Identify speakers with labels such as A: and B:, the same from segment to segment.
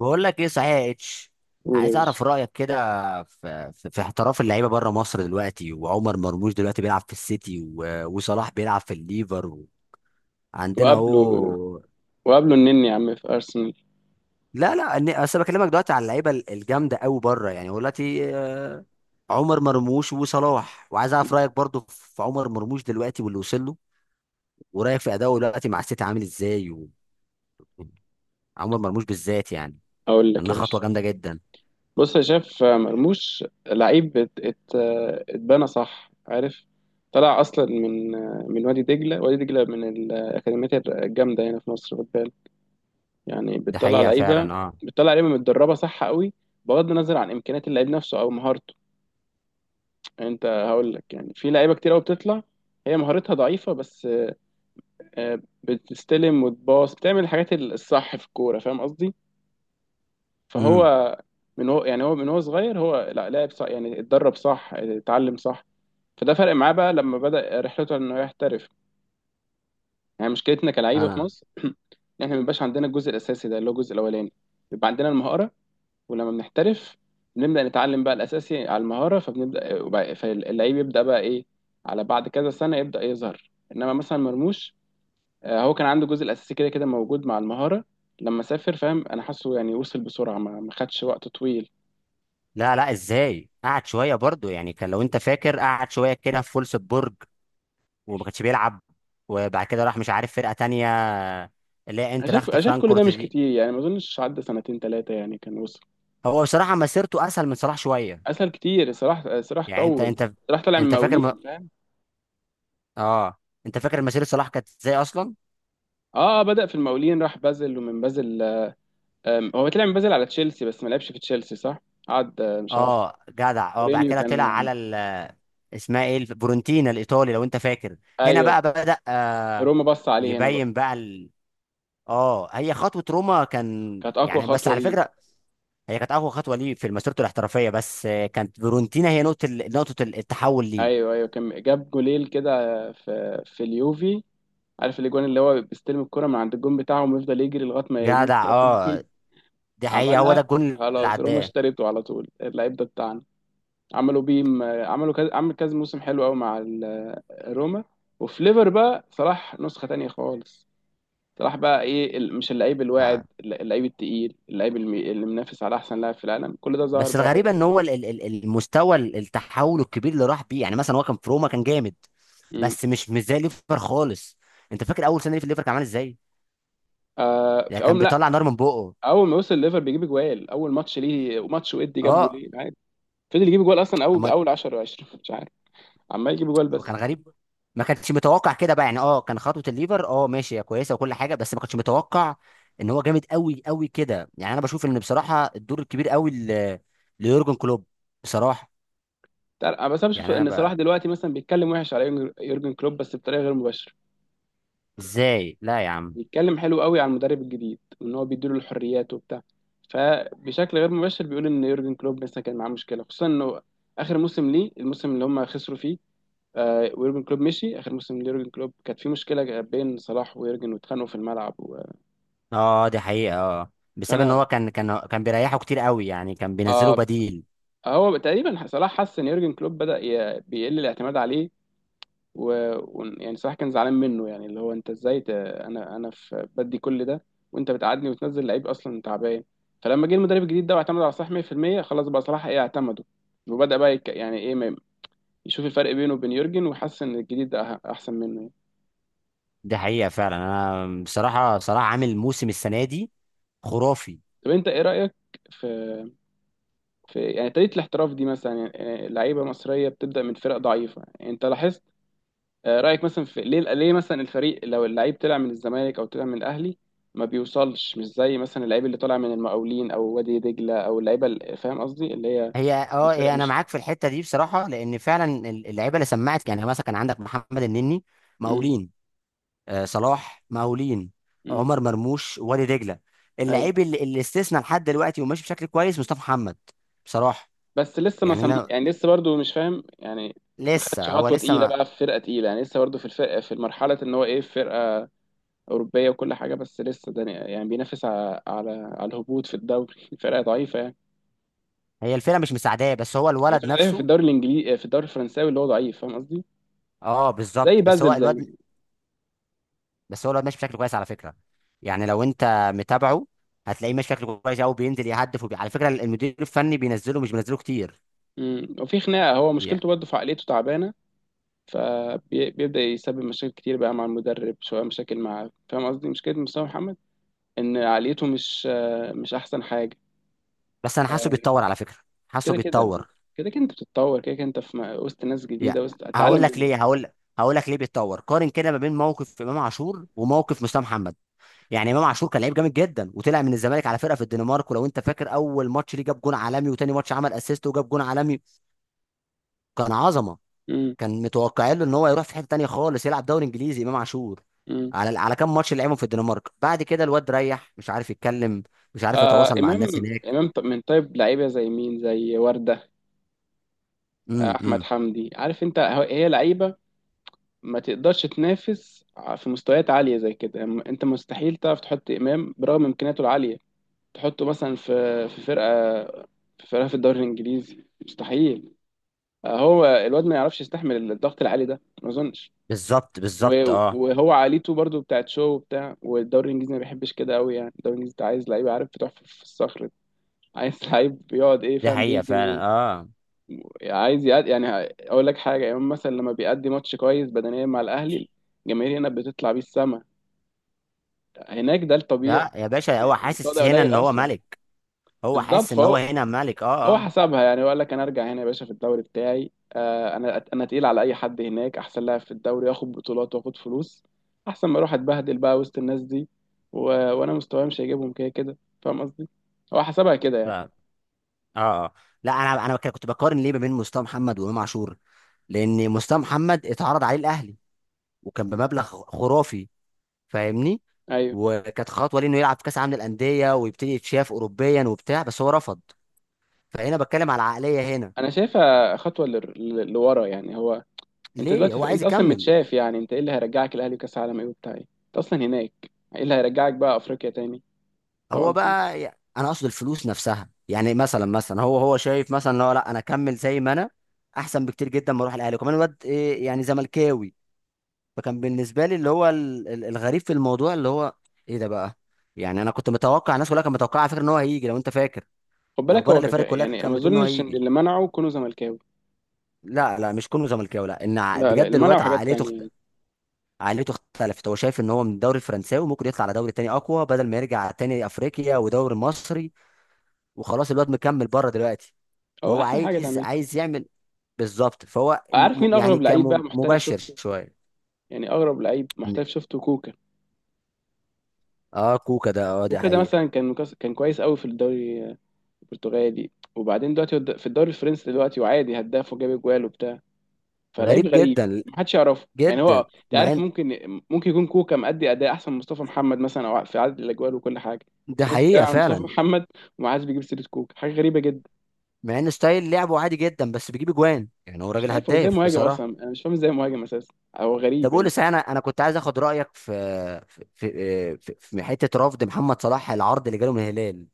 A: بقول لك ايه صحيح يا اتش.
B: قول يا
A: عايز
B: باشا.
A: اعرف رايك كده في احتراف اللعيبه بره مصر دلوقتي، وعمر مرموش دلوقتي بيلعب في السيتي وصلاح بيلعب في الليفر عندنا
B: وقابله،
A: اهو.
B: النني يا عم في أرسنال.
A: لا لا، اصل بكلمك دلوقتي على اللعيبه الجامده قوي بره، يعني هو دلوقتي عمر مرموش وصلاح، وعايز اعرف رايك برضو في عمر مرموش دلوقتي واللي وصل له، ورايك في اداؤه دلوقتي مع السيتي عامل ازاي، وعمر مرموش بالذات يعني
B: أقول لك
A: انها
B: يا
A: خطوه
B: باشا،
A: جامده جدا.
B: بص يا شاف. مرموش لعيب اتبنى صح، عارف؟ طلع أصلا من وادي دجلة من الأكاديميات الجامدة هنا في مصر، خد بالك. يعني
A: ده
B: بتطلع
A: حقيقة
B: لعيبة،
A: فعلا، اه.
B: بتطلع لعيبة متدربة صح قوي، بغض النظر عن إمكانيات اللعيب نفسه أو مهارته. أنت هقول لك، يعني في لعيبة كتير قوي بتطلع هي مهارتها ضعيفة، بس بتستلم وتباص، بتعمل الحاجات الصح في الكورة، فاهم قصدي؟
A: امم.
B: فهو من هو صغير، هو لا لعب صح يعني، اتدرب صح، اتعلم صح. فده فرق معاه بقى لما بدأ رحلته انه يحترف. يعني مشكلتنا كلعيبه في
A: انا.
B: مصر ان احنا ما بيبقاش عندنا الجزء الاساسي ده، اللي هو الجزء الاولاني. بيبقى عندنا المهاره، ولما بنحترف بنبدأ نتعلم بقى الاساسي على المهاره، فاللعيب يبدأ بقى ايه، على بعد كذا سنه يبدأ يظهر. انما مثلا مرموش، هو كان عنده الجزء الاساسي كده كده موجود مع المهاره، لما سافر، فاهم؟ انا حاسه يعني وصل بسرعه، ما خدش وقت طويل.
A: لا لا، ازاي؟ قعد شويه برضو، يعني كان لو انت فاكر قعد شويه كده في فولسبورج وما كانش بيلعب، وبعد كده راح مش عارف فرقه تانية، اللي هي انتراخت
B: انا شايف كل ده
A: فرانكفورت
B: مش
A: دي.
B: كتير، يعني ما اظنش عدى سنتين ثلاثه يعني كان وصل.
A: هو بصراحه مسيرته اسهل من صلاح شويه.
B: اسهل كتير. صلاح
A: يعني
B: طول، صلاح طلع من
A: انت فاكر
B: المقاولين،
A: م...
B: فاهم؟
A: اه، انت فاكر مسيره صلاح كانت ازاي اصلا؟
B: اه، بدا في المقاولين، راح بازل، ومن بازل آم، هو طلع من بازل على تشيلسي، بس ما لعبش في تشيلسي، صح؟ قعد مش عارف.
A: اه جدع، اه. بعد
B: مورينيو
A: كده طلع
B: كان.
A: على اسمها ايه؟ فيورنتينا الايطالي لو انت فاكر؟ هنا بقى
B: ايوه.
A: بدأ.
B: روما بص عليه هنا بقى.
A: يبين بقى اه، هي خطوه روما كان،
B: كانت اقوى
A: يعني بس
B: خطوه
A: على
B: ليه.
A: فكره هي كانت اقوى خطوه ليه في مسيرته الاحترافيه، بس كانت فيرونتينا هي نقطه التحول ليه.
B: ايوه، ايوه، كان جاب جوليل كده في اليوفي عارف الاجوان؟ اللي هو بيستلم الكره من عند الجون بتاعهم ويفضل يجري لغايه ما يجيب
A: جدع،
B: الكره في الجون.
A: اه. دي حقيقه، هو
B: عملها،
A: ده الجون اللي
B: خلاص، روما
A: عداه.
B: اشترته على طول اللعيب ده بتاعنا. عملوا كذا عمل، كذا موسم حلو قوي مع روما وفي ليفر بقى صلاح نسخة تانية خالص. صلاح بقى ايه، مش اللعيب
A: آه.
B: الواعد، اللعيب التقيل، اللي منافس على احسن لاعب في العالم، كل ده ظهر
A: بس
B: بقى هو
A: الغريبه
B: في
A: ان
B: الليفر.
A: هو التحول الكبير اللي راح بيه، يعني مثلا هو كان في روما كان جامد،
B: مم.
A: بس مش زي ليفر خالص. انت فاكر اول سنه ليه في ليفر كان عامل ازاي؟
B: آه
A: يعني
B: في
A: كان
B: اول، لا،
A: بيطلع نار من بقه.
B: اول ما وصل ليفر بيجيب جوال، اول ماتش ليه ماتش ودي جاب
A: اه،
B: جولين عادي. فضل يجيب جوال، اصلا اول 10 و20 مش عارف، عمال يجيب جوال بس.
A: كان غريب، ما كانش متوقع كده بقى، يعني اه كان خطوه الليفر اه ماشي، هي كويسه وكل حاجه، بس ما كانش متوقع ان هو جامد قوي قوي كده. يعني انا بشوف ان بصراحه الدور الكبير قوي ليورجن كلوب، بصراحه.
B: انا بس، أنا بشوف
A: يعني انا
B: ان صلاح
A: بقى،
B: دلوقتي مثلا بيتكلم وحش على يورجن، كلوب بس بطريقه غير مباشره.
A: ازاي؟ لا يا عم.
B: بيتكلم حلو قوي على المدرب الجديد، وان هو بيديله الحريات وبتاع. فبشكل غير مباشر بيقول ان يورجن كلوب مثلا كان معاه مشكله، خصوصا انه اخر موسم ليه الموسم اللي هم خسروا فيه. آه، ويورجن كلوب مشي اخر موسم ليورجن كلوب كانت في مشكله بين صلاح ويورجن، واتخانقوا في الملعب و...
A: اه، دي حقيقه، اه، بسبب ان هو
B: فانا
A: كان بيريحه كتير قوي، يعني كان بينزله
B: آه
A: بديل.
B: هو تقريبا صلاح حس ان يورجن كلوب بيقل الاعتماد عليه، يعني صراحة كان زعلان منه. يعني اللي هو انت ازاي انا في بدي كل ده، وانت بتقعدني وتنزل لعيب اصلا تعبان. فلما جه المدرب الجديد ده واعتمد على صلاح 100% خلاص بقى صلاح ايه، اعتمده. وبدأ بقى يك... يعني ايه ما... يشوف الفرق بينه وبين يورجن، وحس ان الجديد ده احسن منه يعني.
A: دي حقيقه فعلا، انا بصراحه عامل موسم السنه دي خرافي.
B: طب انت ايه رأيك في يعني طريقة الاحتراف دي؟ مثلا يعني لعيبة مصرية بتبدأ من فرق ضعيفة، يعني انت لاحظت؟ رايك مثلا في ليه مثلا الفريق لو اللعيب طلع من الزمالك او طلع من الاهلي ما بيوصلش، مش زي مثلا اللعيب اللي طالع من المقاولين او وادي دجله، او اللعيبه فاهم قصدي؟ اللي هي
A: هي اه
B: الفرق
A: هي انا
B: مش.
A: معاك في الحته دي بصراحه، لان فعلا اللعيبه اللي سمعت، يعني مثلا كان عندك محمد النني
B: امم.
A: مقاولين، صلاح مقاولين،
B: امم.
A: عمر مرموش وادي دجله.
B: ايوه.
A: اللعيب اللي استثنى لحد دلوقتي وماشي بشكل كويس مصطفى محمد بصراحه.
B: بس لسه ما
A: يعني
B: سم...
A: انا،
B: يعني لسه برضو مش فاهم، يعني ما خدش
A: لسه هو
B: خطوه
A: لسه
B: تقيله
A: ما.
B: بقى في فرقه تقيله. يعني لسه برضو في الفرقه، في المرحله ان هو ايه، في فرقه اوروبيه وكل حاجه، بس لسه ده يعني بينافس على على الهبوط في الدوري فرقه ضعيفه يعني.
A: هي الفرقه مش مساعداه، بس هو
B: هي
A: الولد
B: فرقه ضعيفه في
A: نفسه.
B: الدوري الانجليزي، في الدوري الفرنساوي اللي هو ضعيف، فاهم قصدي؟
A: اه،
B: زي
A: بالظبط. بس هو
B: بازل،
A: الواد
B: زي.
A: بس هو الواد ماشي بشكل كويس على فكره. يعني لو انت متابعه هتلاقيه ماشي بشكل كويس قوي، بينزل يهدف على فكره المدير الفني بينزله، مش بينزله كتير
B: امم. وفي خناقه. هو مشكلته
A: يعني.
B: برضه في عقليته تعبانه، فبيبدا يسبب مشاكل كتير بقى مع المدرب، شويه مشاكل مع، فاهم قصدي؟ مشكله مصطفى محمد ان عقليته مش مش احسن حاجه.
A: بس انا حاسه
B: آه،
A: بيتطور على فكره، حاسه
B: كده كده،
A: بيتطور.
B: كده كده انت بتتطور. كده كده انت في وسط ناس
A: يعني
B: جديده، وسط اتعلم
A: هقول لك
B: منهم.
A: ليه هقول هقول لك ليه بيتطور. قارن كده ما بين موقف امام عاشور وموقف مصطفى محمد. يعني امام عاشور كان لعيب جامد جدا، وطلع من الزمالك على فرقه في الدنمارك، ولو انت فاكر اول ماتش ليه جاب جون عالمي، وتاني ماتش عمل اسيست وجاب جون عالمي. كان عظمه.
B: امم.
A: كان متوقعين له ان هو يروح في حته تانيه خالص، يلعب دوري انجليزي امام عاشور.
B: امم.
A: على كام ماتش اللي لعبهم في الدنمارك، بعد كده الواد ريح، مش عارف يتكلم، مش عارف
B: آه،
A: يتواصل مع الناس هناك.
B: امام من طيب لعيبه زي مين، زي ورده، احمد
A: امم.
B: حمدي، عارف انت؟ هي لعيبه ما تقدرش تنافس في مستويات عاليه زي كده. انت مستحيل تعرف تحط امام، برغم امكانياته العاليه، تحطه مثلا في في فرقه، في فرقه في الدوري الانجليزي، مستحيل. هو الواد ما يعرفش يستحمل الضغط العالي ده، ما اظنش.
A: بالظبط بالظبط، اه.
B: وهو عاليته برضو بتاعت شو وبتاع، والدوري الانجليزي ما بيحبش كده قوي، يعني الدوري الانجليزي ده عايز لعيب، عارف؟ بتحفر في الصخر ده. عايز لعيب بيقعد ايه،
A: دي
B: فاهم؟
A: حقيقة
B: بيجري
A: فعلا، اه.
B: عايز يقعد يعني. اقول لك حاجه، يوم مثلا لما بيأدي ماتش كويس بدنيا مع الاهلي، الجماهير هنا بتطلع بيه السما. هناك ده الطبيعي،
A: لا يا باشا،
B: يعني
A: هو
B: المستوى
A: حاسس
B: ده
A: هنا
B: قليل
A: ان هو
B: اصلا.
A: ملك. هو
B: بالظبط،
A: حاسس ان هو
B: فهو،
A: هنا ملك، اه
B: هو
A: اه.
B: حسبها يعني وقال لك انا ارجع هنا يا باشا في الدوري بتاعي. انا تقيل على اي حد، هناك احسن لاعب في الدوري، اخد بطولات واخد فلوس احسن ما اروح اتبهدل بقى وسط الناس دي و... وانا مستواي مش هيجيبهم كده كده، فاهم قصدي؟ هو حسبها كده يعني.
A: اه اه. لا، انا كنت بقارن ليه ما بين مصطفى محمد وامام عاشور، لان مصطفى محمد اتعرض عليه الاهلي، وكان بمبلغ خرافي، فاهمني.
B: ايوه.
A: وكانت خطوه ليه انه يلعب في كاس عالم للانديه، ويبتدي يتشاف اوروبيا وبتاع، بس هو رفض. فهنا بتكلم على العقليه هنا.
B: انا شايفها خطوه لورا يعني. هو انت
A: ليه
B: دلوقتي
A: هو عايز
B: انت اصلا
A: يكمل.
B: متشاف يعني، انت ايه اللي هيرجعك الاهلي وكاس عالم ايه وبتاع ايه؟ انت اصلا هناك. ايه اللي هيرجعك بقى افريقيا تاني؟
A: هو
B: فاهم قصدي؟
A: بقى انا اقصد الفلوس نفسها. يعني مثلا هو شايف مثلا إن هو، لا، انا اكمل زي ما انا احسن بكتير جدا، ما اروح الاهلي، وكمان الواد إيه، يعني زملكاوي. فكان بالنسبه لي اللي هو الغريب في الموضوع، اللي هو ايه ده بقى. يعني انا كنت متوقع، الناس كلها كانت متوقعه على فكره ان هو هيجي، لو انت فاكر.
B: خد بالك
A: الاخبار
B: هو
A: اللي فاتت كلها
B: يعني ما
A: كانت بتقول ان هو
B: اظنش ان
A: هيجي.
B: اللي منعه كونه زملكاوي.
A: لا لا، مش كونه زملكاوي، لا ان
B: لا لا،
A: بجد
B: اللي منعه
A: الواد
B: حاجات تانية يعني.
A: عقليته اختلفت. هو شايف ان هو من الدوري الفرنساوي وممكن يطلع على دوري تاني اقوى، بدل ما يرجع تاني افريقيا ودوري مصري. وخلاص الواد مكمل بره دلوقتي.
B: هو
A: فهو
B: احسن حاجه
A: عايز
B: تعملها.
A: عايز يعمل. بالظبط. فهو
B: عارف مين
A: يعني
B: اغرب لعيب بقى
A: كان
B: محترف
A: مباشر
B: شفته؟
A: شويه.
B: يعني اغرب لعيب محترف شفته كوكا.
A: اه كوكا ده، اه، دي
B: كوكا ده
A: حقيقه.
B: مثلا كان كان كويس قوي في الدوري البرتغالي، وبعدين دلوقتي هو في الدوري الفرنسي دلوقتي، وعادي هداف وجاب اجوال وبتاع. فلعيب
A: غريب
B: غريب،
A: جدا
B: محدش يعرفه يعني.
A: جدا.
B: هو انت
A: مع
B: عارف،
A: ان
B: ممكن يكون كوكا مأدي اداء احسن من مصطفى محمد مثلا، او في عدد الاجوال وكل حاجه، بس
A: ده
B: الناس بتتكلم
A: حقيقه
B: عن مصطفى
A: فعلا.
B: محمد وما حدش بيجيب سيره كوكا، حاجه غريبه جدا.
A: مع ان ستايل لعبه عادي جدا، بس بيجيب اجوان، يعني هو
B: مش
A: راجل
B: عارف هو ازاي
A: هداف
B: مهاجم اصلا،
A: بصراحه.
B: انا مش فاهم ازاي مهاجم اساسا، هو
A: طب
B: غريب
A: قول
B: يعني.
A: لي صحيح، انا كنت عايز اخد رايك في في في, في, في حته رفض محمد صلاح العرض اللي جاله من الهلال.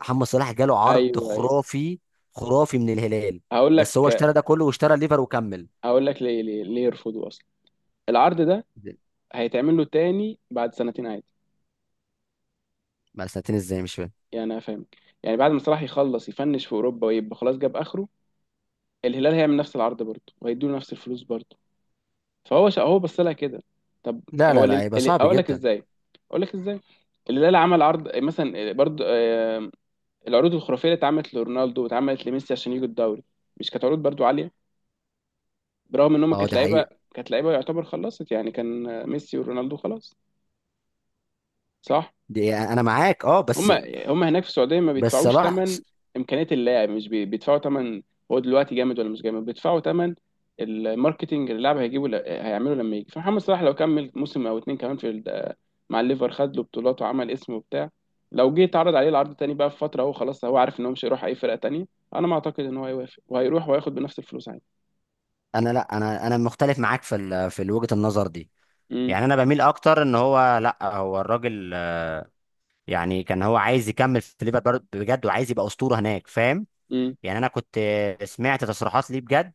A: محمد صلاح جاله عرض
B: ايوه ايوه.
A: خرافي خرافي من الهلال،
B: هقول
A: بس هو
B: لك،
A: اشترى ده كله واشترى الليفر وكمل.
B: هقول لك ليه، ليه يرفضوا اصلا العرض ده؟ هيتعمل له تاني بعد سنتين عادي.
A: ما سنتين ازاي، مش فاهم.
B: يعني انا فاهمك، يعني بعد ما صلاح يخلص يفنش في اوروبا ويبقى خلاص جاب اخره، الهلال هيعمل نفس العرض برضه، وهيدوا له نفس الفلوس برضه. هو بص لها كده. طب
A: لا
B: هو
A: لا لا، هيبقى صعب
B: اقول لك
A: جدا.
B: ازاي، اقول لك ازاي. الهلال عمل عرض مثلا برضه، العروض الخرافيه اللي اتعملت لرونالدو واتعملت لميسي عشان يجوا الدوري، مش كانت عروض برضه عاليه؟ برغم ان هم
A: اه،
B: كانت
A: دي
B: لعيبه،
A: حقيقة.
B: كانت لعيبه يعتبر خلصت يعني، كان ميسي ورونالدو خلاص، صح؟
A: دي انا معاك، اه،
B: هم،
A: بس
B: هم هناك في السعوديه ما
A: بس
B: بيدفعوش
A: صلاح.
B: ثمن امكانيه اللاعب، مش بي- بيدفعوا ثمن، هو دلوقتي جامد ولا مش جامد، بيدفعوا ثمن الماركتنج اللي اللاعب هيجيبه هيعمله لما يجي. فمحمد صلاح لو كمل موسم او اتنين كمان في مع الليفر، خد له بطولات وعمل اسمه وبتاع، لو جه اتعرض عليه العرض تاني بقى في فتره، هو خلاص هو عارف ان هو مش هيروح اي فرقه تانيه، انا ما اعتقد ان هو هيوافق وهيروح وهياخد بنفس الفلوس عادي.
A: انا، لا، انا مختلف معاك في في وجهة النظر دي.
B: امم.
A: يعني انا بميل اكتر ان هو، لا، هو الراجل، يعني كان هو عايز يكمل في ليفربول بجد، وعايز يبقى اسطورة هناك، فاهم.
B: امم.
A: يعني انا كنت سمعت تصريحات ليه بجد.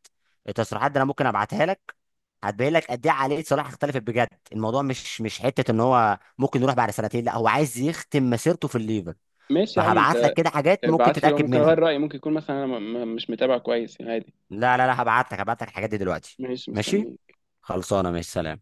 A: التصريحات دي انا ممكن ابعتها لك، هتبين لك قد ايه عقلية صلاح اختلفت بجد. الموضوع مش حتة ان هو ممكن يروح بعد سنتين، لا، هو عايز يختم مسيرته في الليفر.
B: ماشي يا عم
A: فهبعت لك
B: انت،
A: كده حاجات ممكن
B: ابعت لي،
A: تتأكد
B: ممكن
A: منها.
B: اغير رايي، ممكن يكون مثلا انا مش متابع كويس يعني، عادي.
A: لا لا لا، هبعت لك الحاجات دي دلوقتي.
B: ماشي،
A: ماشي.
B: مستنيك.
A: خلصانه، ماشي، سلام.